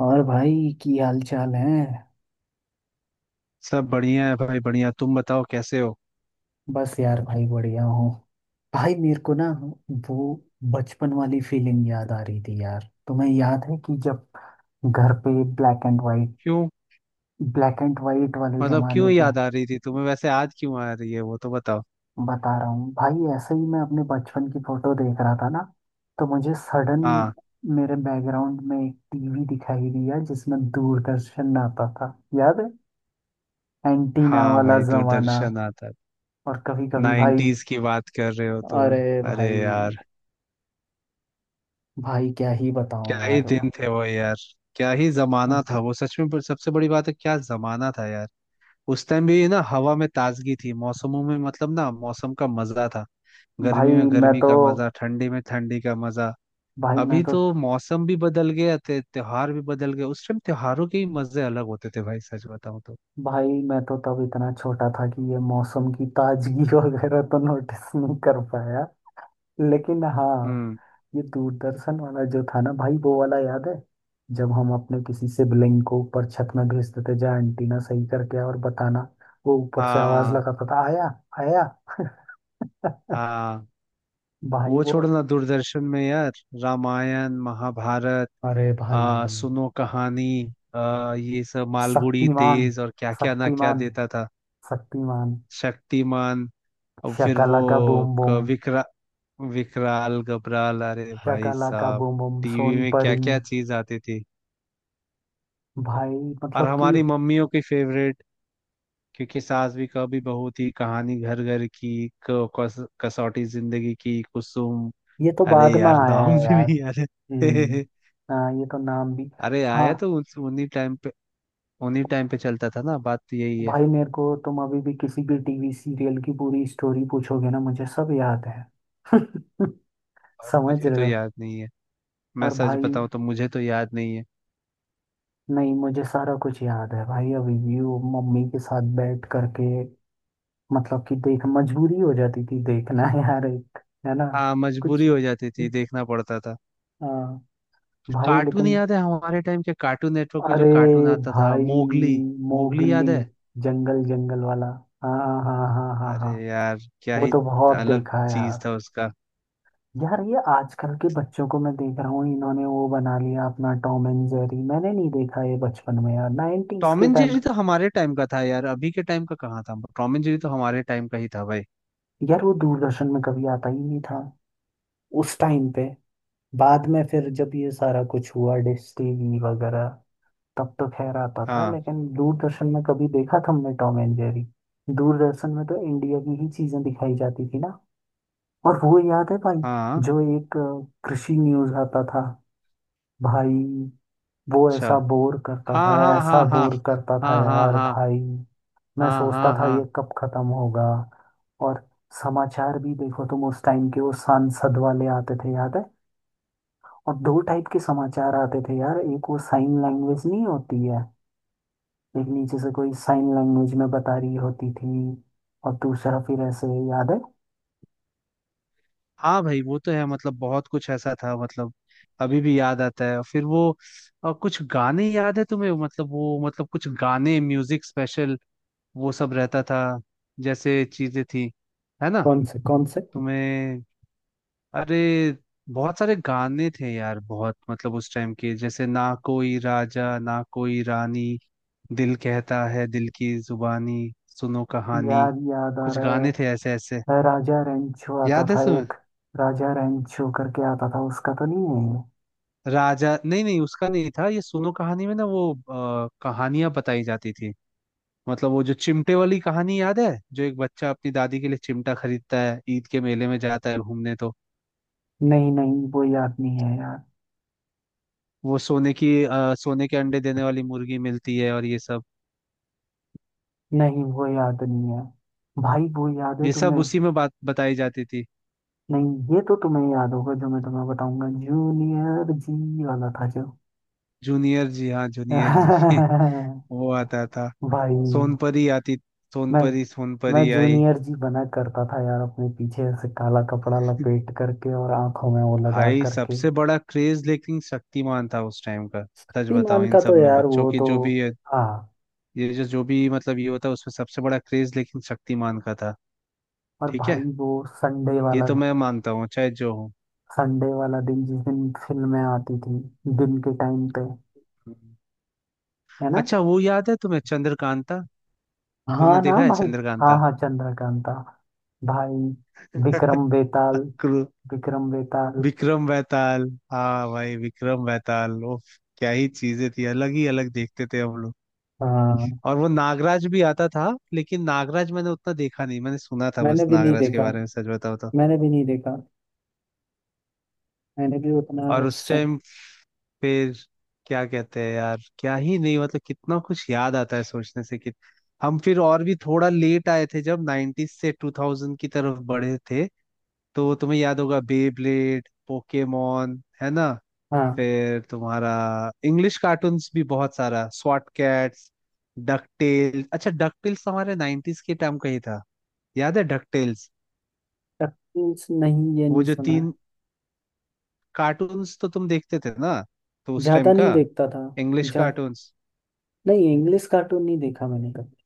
और भाई की हाल चाल है। सब बढ़िया है भाई बढ़िया। तुम बताओ कैसे हो? बस यार भाई बढ़िया हूँ। भाई मेरे को ना वो बचपन वाली फीलिंग याद आ रही थी यार, तुम्हें याद है कि जब घर पे ब्लैक एंड वाइट क्यों? ब्लैक एंड वाइट वाले मतलब जमाने क्यों पे। याद आ रही थी तुम्हें, वैसे आज क्यों आ रही है वो तो बताओ। बता रहा हूँ भाई, ऐसे ही मैं अपने बचपन की फोटो देख रहा था ना। तो मुझे सडन हाँ, मेरे बैकग्राउंड में एक टीवी दिखाई दिया जिसमें दूरदर्शन आता था। याद है? एंटीना हाँ वाला भाई जमाना। दूरदर्शन आता है। और कभी कभी भाई, नाइन्टीज की बात कर रहे हो तुम? अरे अरे भाई, यार! भाई क्या ही क्या बताऊं ही यार। दिन थे वो यार। क्या ही जमाना था वो सच में, पर सबसे बड़ी बात है क्या जमाना था यार। उस टाइम भी ना हवा में ताजगी थी, मौसमों में मतलब ना मौसम का मजा था। भाई गर्मी में मैं गर्मी तो का मजा, ठंडी में ठंडी का मजा। भाई मैं अभी तो तो मौसम भी बदल गया त्योहार भी बदल गए, उस टाइम त्योहारों के ही मजे अलग होते थे भाई, सच बताऊं तो। भाई मैं तो तब इतना छोटा था कि ये मौसम की ताजगी वगैरह तो नोटिस नहीं कर पाया। लेकिन हाँ, हम्म। ये दूरदर्शन वाला जो था ना भाई, वो वाला याद है। जब हम अपने किसी सिबलिंग को ऊपर छत में भेजते थे, जा एंटीना सही करके आ और बताना। वो ऊपर से आवाज हाँ। लगाता था आया, आया। हाँ, भाई वो वो, छोड़ो ना, दूरदर्शन में यार रामायण महाभारत, अरे भाई, सुनो कहानी, ये सब मालगुड़ी शक्तिमान, डेज और क्या क्या ना क्या शक्तिमान, देता था। शक्तिमान, शक्तिमान। और फिर वो शकलाका बूम बूम, विकराल गबराल, अरे भाई शकलाका साहब! बूम बूम, टीवी सोन में क्या परी। क्या चीज आती थी। भाई और मतलब कि हमारी मम्मियों की फेवरेट क्योंि सास भी कभी बहू थी, कहानी घर घर की, कसौटी जिंदगी की, कुसुम। ये तो अरे बाद में यार आया नाम है भी यार। नहीं याद हम्म। है। हाँ ये तो नाम भी। अरे हाँ आया तो उन्हीं टाइम पे, उन्हीं टाइम पे चलता था ना, बात तो यही है। भाई, मेरे को तुम अभी भी किसी भी टीवी सीरियल की पूरी स्टोरी पूछोगे ना, मुझे सब याद है। और समझ मुझे रहे तो हो। याद नहीं है। मैं और सच भाई, बताऊं तो मुझे तो याद नहीं है। नहीं, मुझे सारा कुछ याद है भाई, अभी भी वो मम्मी के साथ बैठ करके, मतलब कि देख मजबूरी हो जाती थी देखना यार, एक, है ना? हाँ, मजबूरी कुछ, हो जाती थी, देखना पड़ता था। हाँ भाई, कार्टून लेकिन, याद है? हमारे टाइम के कार्टून नेटवर्क पे अरे जो कार्टून आता था, भाई मोगली। मोगली मोगली, याद है? जंगल जंगल वाला। हाँ, हाँ, हाँ, हाँ, अरे हाँ। यार क्या वो ही तो बहुत अलग देखा है यार। चीज था उसका। यार ये आजकल के बच्चों को मैं देख रहा हूँ, इन्होंने वो बना लिया अपना टॉम एंड जेरी, मैंने नहीं देखा ये बचपन में यार, 90s टॉम के एंड टाइम। जेरी तो हमारे टाइम का था यार, अभी के टाइम का कहाँ था? टॉम एंड जेरी तो हमारे टाइम का ही था भाई। यार वो दूरदर्शन में कभी आता ही नहीं था उस टाइम पे। बाद में फिर जब ये सारा कुछ हुआ डिश टीवी वगैरह, तब तो खैर आता था, हाँ, लेकिन दूरदर्शन में कभी देखा तुमने टॉम एंड जेरी? दूरदर्शन में तो इंडिया की ही चीजें दिखाई जाती थी ना। और वो याद है भाई, हाँ, जो एक कृषि न्यूज आता था। भाई वो अच्छा। ऐसा बोर करता हाँ, था, हाँ, ऐसा हाँ, हाँ। बोर करता था हाँ, हाँ, यार हाँ, भाई। मैं हाँ। सोचता हाँ, था ये हाँ, कब खत्म होगा। और समाचार भी देखो तुम उस टाइम के, वो सांसद वाले आते थे, याद है। और दो टाइप के समाचार आते थे यार, एक वो साइन लैंग्वेज नहीं होती है, एक नीचे से कोई साइन लैंग्वेज में बता रही होती थी, और दूसरा फिर ऐसे, याद है? हाँ। भाई वो तो है, मतलब बहुत कुछ ऐसा था, मतलब अभी भी याद आता है फिर वो। और कुछ गाने याद है तुम्हें, मतलब वो मतलब कुछ गाने म्यूजिक स्पेशल, वो सब रहता था, जैसे चीजें थी, है ना? कौन से कौन से? तुम्हें? अरे बहुत सारे गाने थे यार, बहुत, मतलब उस टाइम के जैसे ना कोई राजा ना कोई रानी, दिल कहता है दिल की जुबानी, सुनो कहानी, याद याद आ कुछ रहा गाने थे ऐसे ऐसे। है राजा रेंचो आता याद है था तुम्हें? एक। राजा रेंचो करके आता था, उसका तो नहीं है ये? राजा नहीं, नहीं उसका नहीं था ये। सुनो कहानी में ना वो कहानियां बताई जाती थी। मतलब वो जो चिमटे वाली कहानी याद है, जो एक बच्चा अपनी दादी के लिए चिमटा खरीदता है, ईद के मेले में जाता है घूमने, तो नहीं नहीं, वो याद नहीं है यार। वो सोने की सोने के अंडे देने वाली मुर्गी मिलती है, और ये सब, नहीं वो याद नहीं है। भाई वो याद है ये सब तुम्हें? उसी में बात बताई जाती थी। नहीं, ये तो तुम्हें याद होगा जो मैं तुम्हें बताऊंगा, जूनियर जी वाला था जो। जूनियर जी, हाँ जूनियर जी। वो आता था। भाई सोनपरी आती, मैं सोनपरी, मैं सोनपरी आई। जूनियर जी बना करता था यार, अपने पीछे से काला कपड़ा लपेट करके और आंखों में वो लगा भाई करके। सबसे बड़ा क्रेज लेकिन शक्तिमान था उस टाइम का, सच बताऊं। शक्तिमान इन का सब तो में यार बच्चों वो की तो, जो भी ये हाँ। ये जो जो भी मतलब ये होता है, उसमें सबसे बड़ा क्रेज लेकिन शक्तिमान का था। और ठीक है, भाई वो संडे ये वाला, तो मैं मानता हूँ चाहे जो हो। संडे वाला दिन, जिस दिन फिल्में आती थी दिन के टाइम पे, हम्म। है ना? अच्छा वो याद है तुम्हें चंद्रकांता? तुमने हाँ ना देखा है भाई। हाँ, चंद्रकांता? हाँ, चंद्रकांता। भाई विक्रम बेताल, क्रू- विक्रम बेताल। विक्रम बेताल। हाँ भाई विक्रम बेताल वो, क्या ही चीजें थी, अलग ही अलग देखते थे हम लोग। हाँ, और वो नागराज भी आता था, लेकिन नागराज मैंने उतना देखा नहीं, मैंने सुना था मैंने बस भी नहीं नागराज के देखा, बारे में, सच बताओ तो। मैंने भी नहीं देखा, मैंने भी उतना और उस उससे, टाइम फिर क्या कहते हैं यार, क्या ही नहीं, मतलब कितना कुछ याद आता है सोचने से कि, हम फिर और भी थोड़ा लेट आए थे जब 90s से 2000 की तरफ बढ़े थे, तो तुम्हें याद होगा बेब्लेड पोकेमॉन, है ना? हाँ। फिर तुम्हारा इंग्लिश कार्टून्स भी बहुत सारा, स्वॉट कैट्स, डक टेल्स, अच्छा डक टेल्स हमारे 90s के टाइम का ही था। याद है डक टेल्स? शक्ति नहीं, ये वो नहीं जो सुना। तीन कार्टून्स तो तुम देखते थे ना, तो उस ज्यादा टाइम नहीं का देखता था। इंग्लिश जा, कार्टून्स। नहीं इंग्लिश कार्टून नहीं देखा मैंने कभी।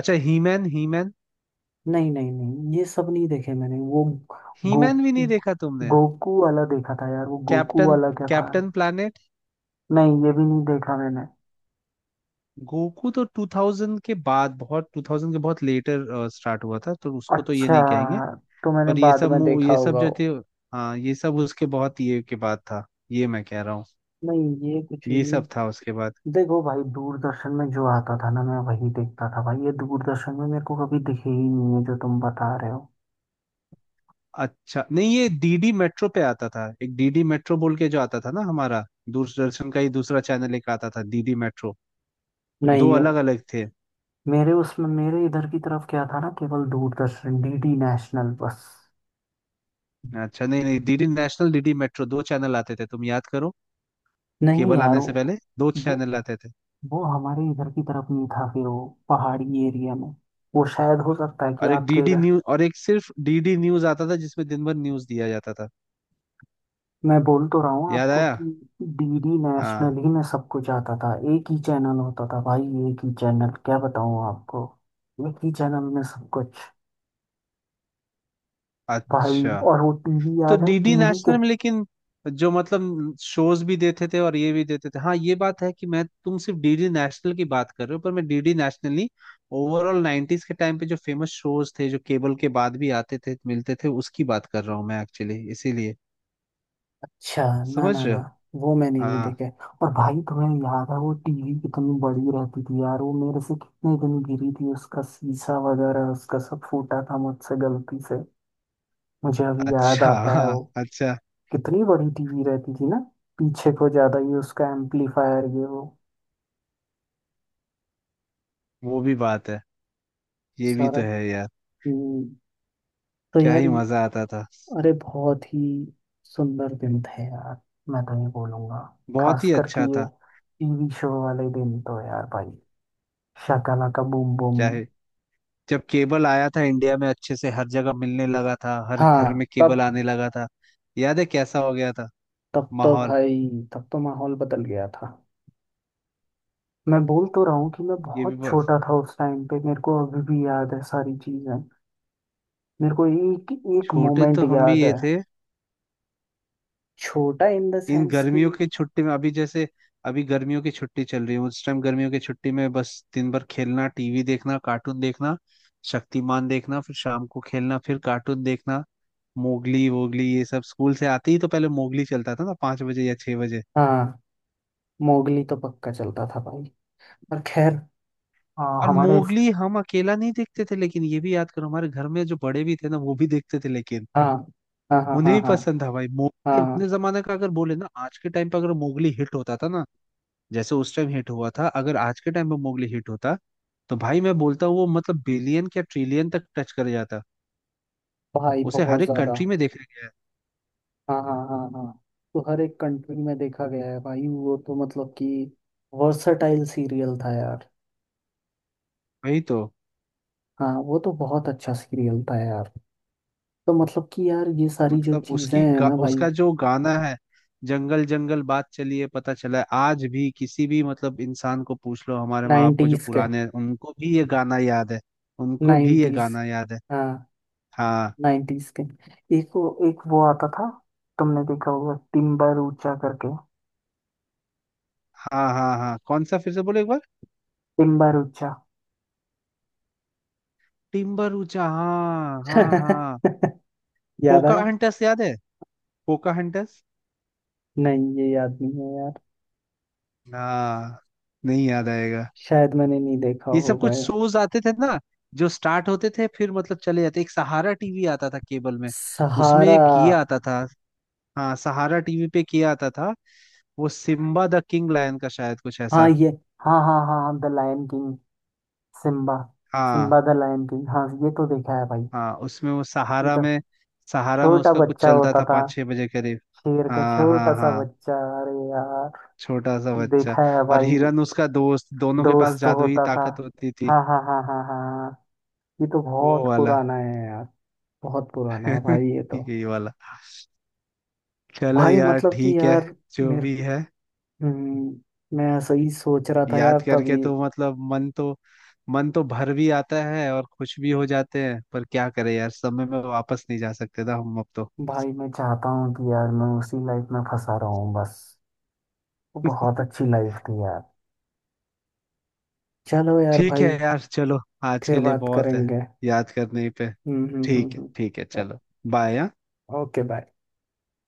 अच्छा हीमैन, हीमैन। नहीं नहीं नहीं, ये सब नहीं देखे मैंने वो। गो हीमैन भी नहीं देखा तुमने? गोकू वाला देखा था यार, वो गोकू कैप्टन, वाला क्या था? Captain planet. नहीं, ये भी नहीं देखा मैंने। गोकू तो 2000 के बाद बहुत, 2000 के बहुत लेटर स्टार्ट हुआ था, तो उसको तो ये अच्छा, नहीं कहेंगे। तो मैंने पर ये बाद सब में देखा ये सब होगा जो वो। थे, हाँ ये सब उसके बहुत ये के बाद था, ये मैं कह रहा हूँ। नहीं ये कुछ ये सब था नहीं। उसके बाद। देखो भाई, दूरदर्शन में जो आता था ना, मैं वही देखता था भाई, ये दूरदर्शन में मेरे को कभी दिखे ही नहीं है जो तुम बता रहे हो। अच्छा नहीं, ये डीडी मेट्रो पे आता था, एक डीडी मेट्रो बोल के जो आता था ना हमारा, दूरदर्शन का ही दूसरा चैनल एक आता था डीडी मेट्रो। दो नहीं हो। अलग अलग थे। मेरे इधर की तरफ क्या था ना, केवल दूरदर्शन डीडी नेशनल, बस। अच्छा नहीं नहीं, डीडी नेशनल, डीडी मेट्रो, दो चैनल आते थे, तुम याद करो। नहीं केबल यार, आने से वो पहले दो वो चैनल आते थे। हमारे इधर की तरफ नहीं था फिर, वो पहाड़ी एरिया में, वो शायद हो सकता है कि और एक आपके डीडी इधर। न्यूज, और एक सिर्फ डीडी न्यूज आता था जिसमें दिन भर न्यूज दिया जाता था। मैं बोल तो रहा हूँ याद आपको आया? कि डीडी नेशनल हाँ। ही में सब कुछ आता था, एक ही चैनल होता था भाई। एक ही चैनल, क्या बताऊँ आपको, एक ही चैनल में सब कुछ। भाई अच्छा और वो टीवी तो याद है, डीडी टीवी के, नेशनल में लेकिन जो, मतलब शोज भी देते थे और ये भी देते थे, हाँ ये बात है, कि मैं, तुम सिर्फ डीडी नेशनल की बात कर रहे हो, पर मैं डीडी नेशनल नहीं, ओवरऑल 90s के टाइम पे जो फेमस शोज थे जो केबल के बाद भी आते थे मिलते थे, उसकी बात कर रहा हूँ मैं एक्चुअली, इसीलिए। अच्छा, ना समझ ना रहे ना, हो? वो मैंने नहीं हाँ देखा है। और भाई तुम्हें याद है वो टीवी कितनी बड़ी रहती थी यार, वो मेरे से कितने दिन गिरी थी, उसका शीशा वगैरह, उसका सब फूटा था मुझसे गलती से। मुझे अभी याद अच्छा, आता है हाँ वो। अच्छा, कितनी बड़ी टीवी रहती थी ना, पीछे को ज्यादा, ये उसका एम्पलीफायर, ये वो वो भी बात है, ये भी सारा। तो है यार, हम्म, तो क्या ही यार, मजा आता था, अरे बहुत ही सुंदर दिन थे यार। मैं तो ये बोलूंगा, बहुत खास ही करके अच्छा ये था। टीवी शो वाले दिन तो यार भाई, शाकाला का बूम बूम। क्या ही! जब केबल आया था इंडिया में अच्छे से, हर जगह मिलने लगा था, हर घर हाँ में केबल तब, आने लगा था, याद है कैसा हो गया था तो माहौल? भाई, तब तो माहौल बदल गया था। मैं बोल तो रहा हूँ कि मैं ये भी बहुत बस, छोटा था उस टाइम पे, मेरे को अभी भी याद है सारी चीजें, मेरे को एक एक छोटे मोमेंट तो हम भी याद ये है। थे। छोटा इन द इन सेंस कि, गर्मियों की छुट्टी में अभी जैसे, अभी गर्मियों की छुट्टी चल रही है, उस टाइम गर्मियों की छुट्टी में बस दिन भर खेलना, टीवी देखना, कार्टून देखना, शक्तिमान देखना, फिर शाम को खेलना, फिर कार्टून देखना, मोगली वोगली ये सब, स्कूल से आते ही तो पहले मोगली चलता था ना, पांच बजे या छह बजे। हाँ। मोगली तो पक्का चलता था भाई, पर खैर, हाँ और हमारे, मोगली हम अकेला नहीं देखते थे लेकिन, ये भी याद करो हमारे घर में जो बड़े भी थे ना वो भी देखते थे लेकिन, हाँ, हाँ, हाँ, उन्हें हाँ, भी हाँ। पसंद था भाई मोगली, हाँ अपने जमाने का, अगर बोले ना आज के टाइम पर, अगर मोगली हिट होता था ना जैसे उस टाइम हिट हुआ था, अगर आज के टाइम पे मोगली हिट होता, तो भाई मैं बोलता हूँ वो मतलब बिलियन क्या ट्रिलियन तक टच कर जाता। भाई, उसे बहुत हर एक ज्यादा। कंट्री में देखा गया है। हाँ, हाँ, हाँ, हाँ, तो हर एक कंट्री में देखा गया है भाई, वो तो मतलब कि वर्सटाइल सीरियल था यार। वही तो, हाँ, वो तो बहुत अच्छा सीरियल था यार। तो मतलब कि यार ये सारी जो मतलब चीजें उसकी हैं ना भाई, उसका जो गाना है जंगल जंगल बात चली है पता चला है, आज भी किसी भी मतलब इंसान को पूछ लो, हमारे माँ बाप को जो नाइन्टीज के, पुराने हैं उनको भी ये गाना याद है। उनको भी ये नाइन्टीज, गाना याद है। हाँ, हाँ, नाइन्टीज के। एक वो, एक वो आता था, तुमने देखा होगा टिम्बर ऊंचा करके। हाँ, हाँ, हाँ। कौन सा, फिर से बोलो एक बार। टिम्बर ऊंचा। टिम्बर ऊंचा, हाँ हाँ हाँ। याद पोका है? हंटर्स याद है? पोका हंटर्स। नहीं, ये याद नहीं है यार। हाँ, नहीं याद आएगा। शायद मैंने नहीं देखा ये सब होगा कुछ ये। शोज आते थे ना, जो स्टार्ट होते थे फिर मतलब चले जाते। एक सहारा टीवी आता था केबल में, उसमें सहारा। एक ये आता था। हाँ सहारा टीवी पे किया आता था। वो सिम्बा द किंग लायन का शायद कुछ हाँ ऐसा। ये, हाँ, हाँ, हाँ, हाँ, the lion king, Simba, Simba हाँ। द लायन किंग, हाँ, ये तो देखा है भाई। हाँ उसमें, वो ये सहारा तो, में, सहारा में छोटा उसका कुछ बच्चा चलता होता था था, पाँच छह बजे करीब। शेर का हाँ हाँ छोटा सा हाँ। बच्चा। अरे यार, छोटा सा बच्चा, देखा है और भाई। हिरन उसका दोस्त, दोनों के पास दोस्त तो जादुई होता था, ताकत होती थी, हाँ, हाँ, हाँ, हाँ, हाँ। ये तो वो बहुत वाला। पुराना है यार। बहुत पुराना है भाई ये तो। यही वाला। चलो भाई यार मतलब कि ठीक है, यार, जो मेरे, भी है। हम्म, मैं ऐसा ही सोच रहा था यार, याद करके तभी। तो मतलब मन तो, मन तो भर भी आता है और खुश भी हो जाते हैं, पर क्या करें यार, समय में वापस नहीं जा सकते ना हम अब तो। भाई मैं चाहता हूँ कि यार मैं उसी लाइफ में फंसा रहा हूँ बस, वो बहुत अच्छी लाइफ थी यार। चलो यार ठीक है भाई, यार चलो, आज के फिर लिए बात बहुत है, करेंगे। याद करने पे। हम्म, हम्म, हम्म, ठीक है, हम्म। ठीक है, चलो। बाय। Okay, bye.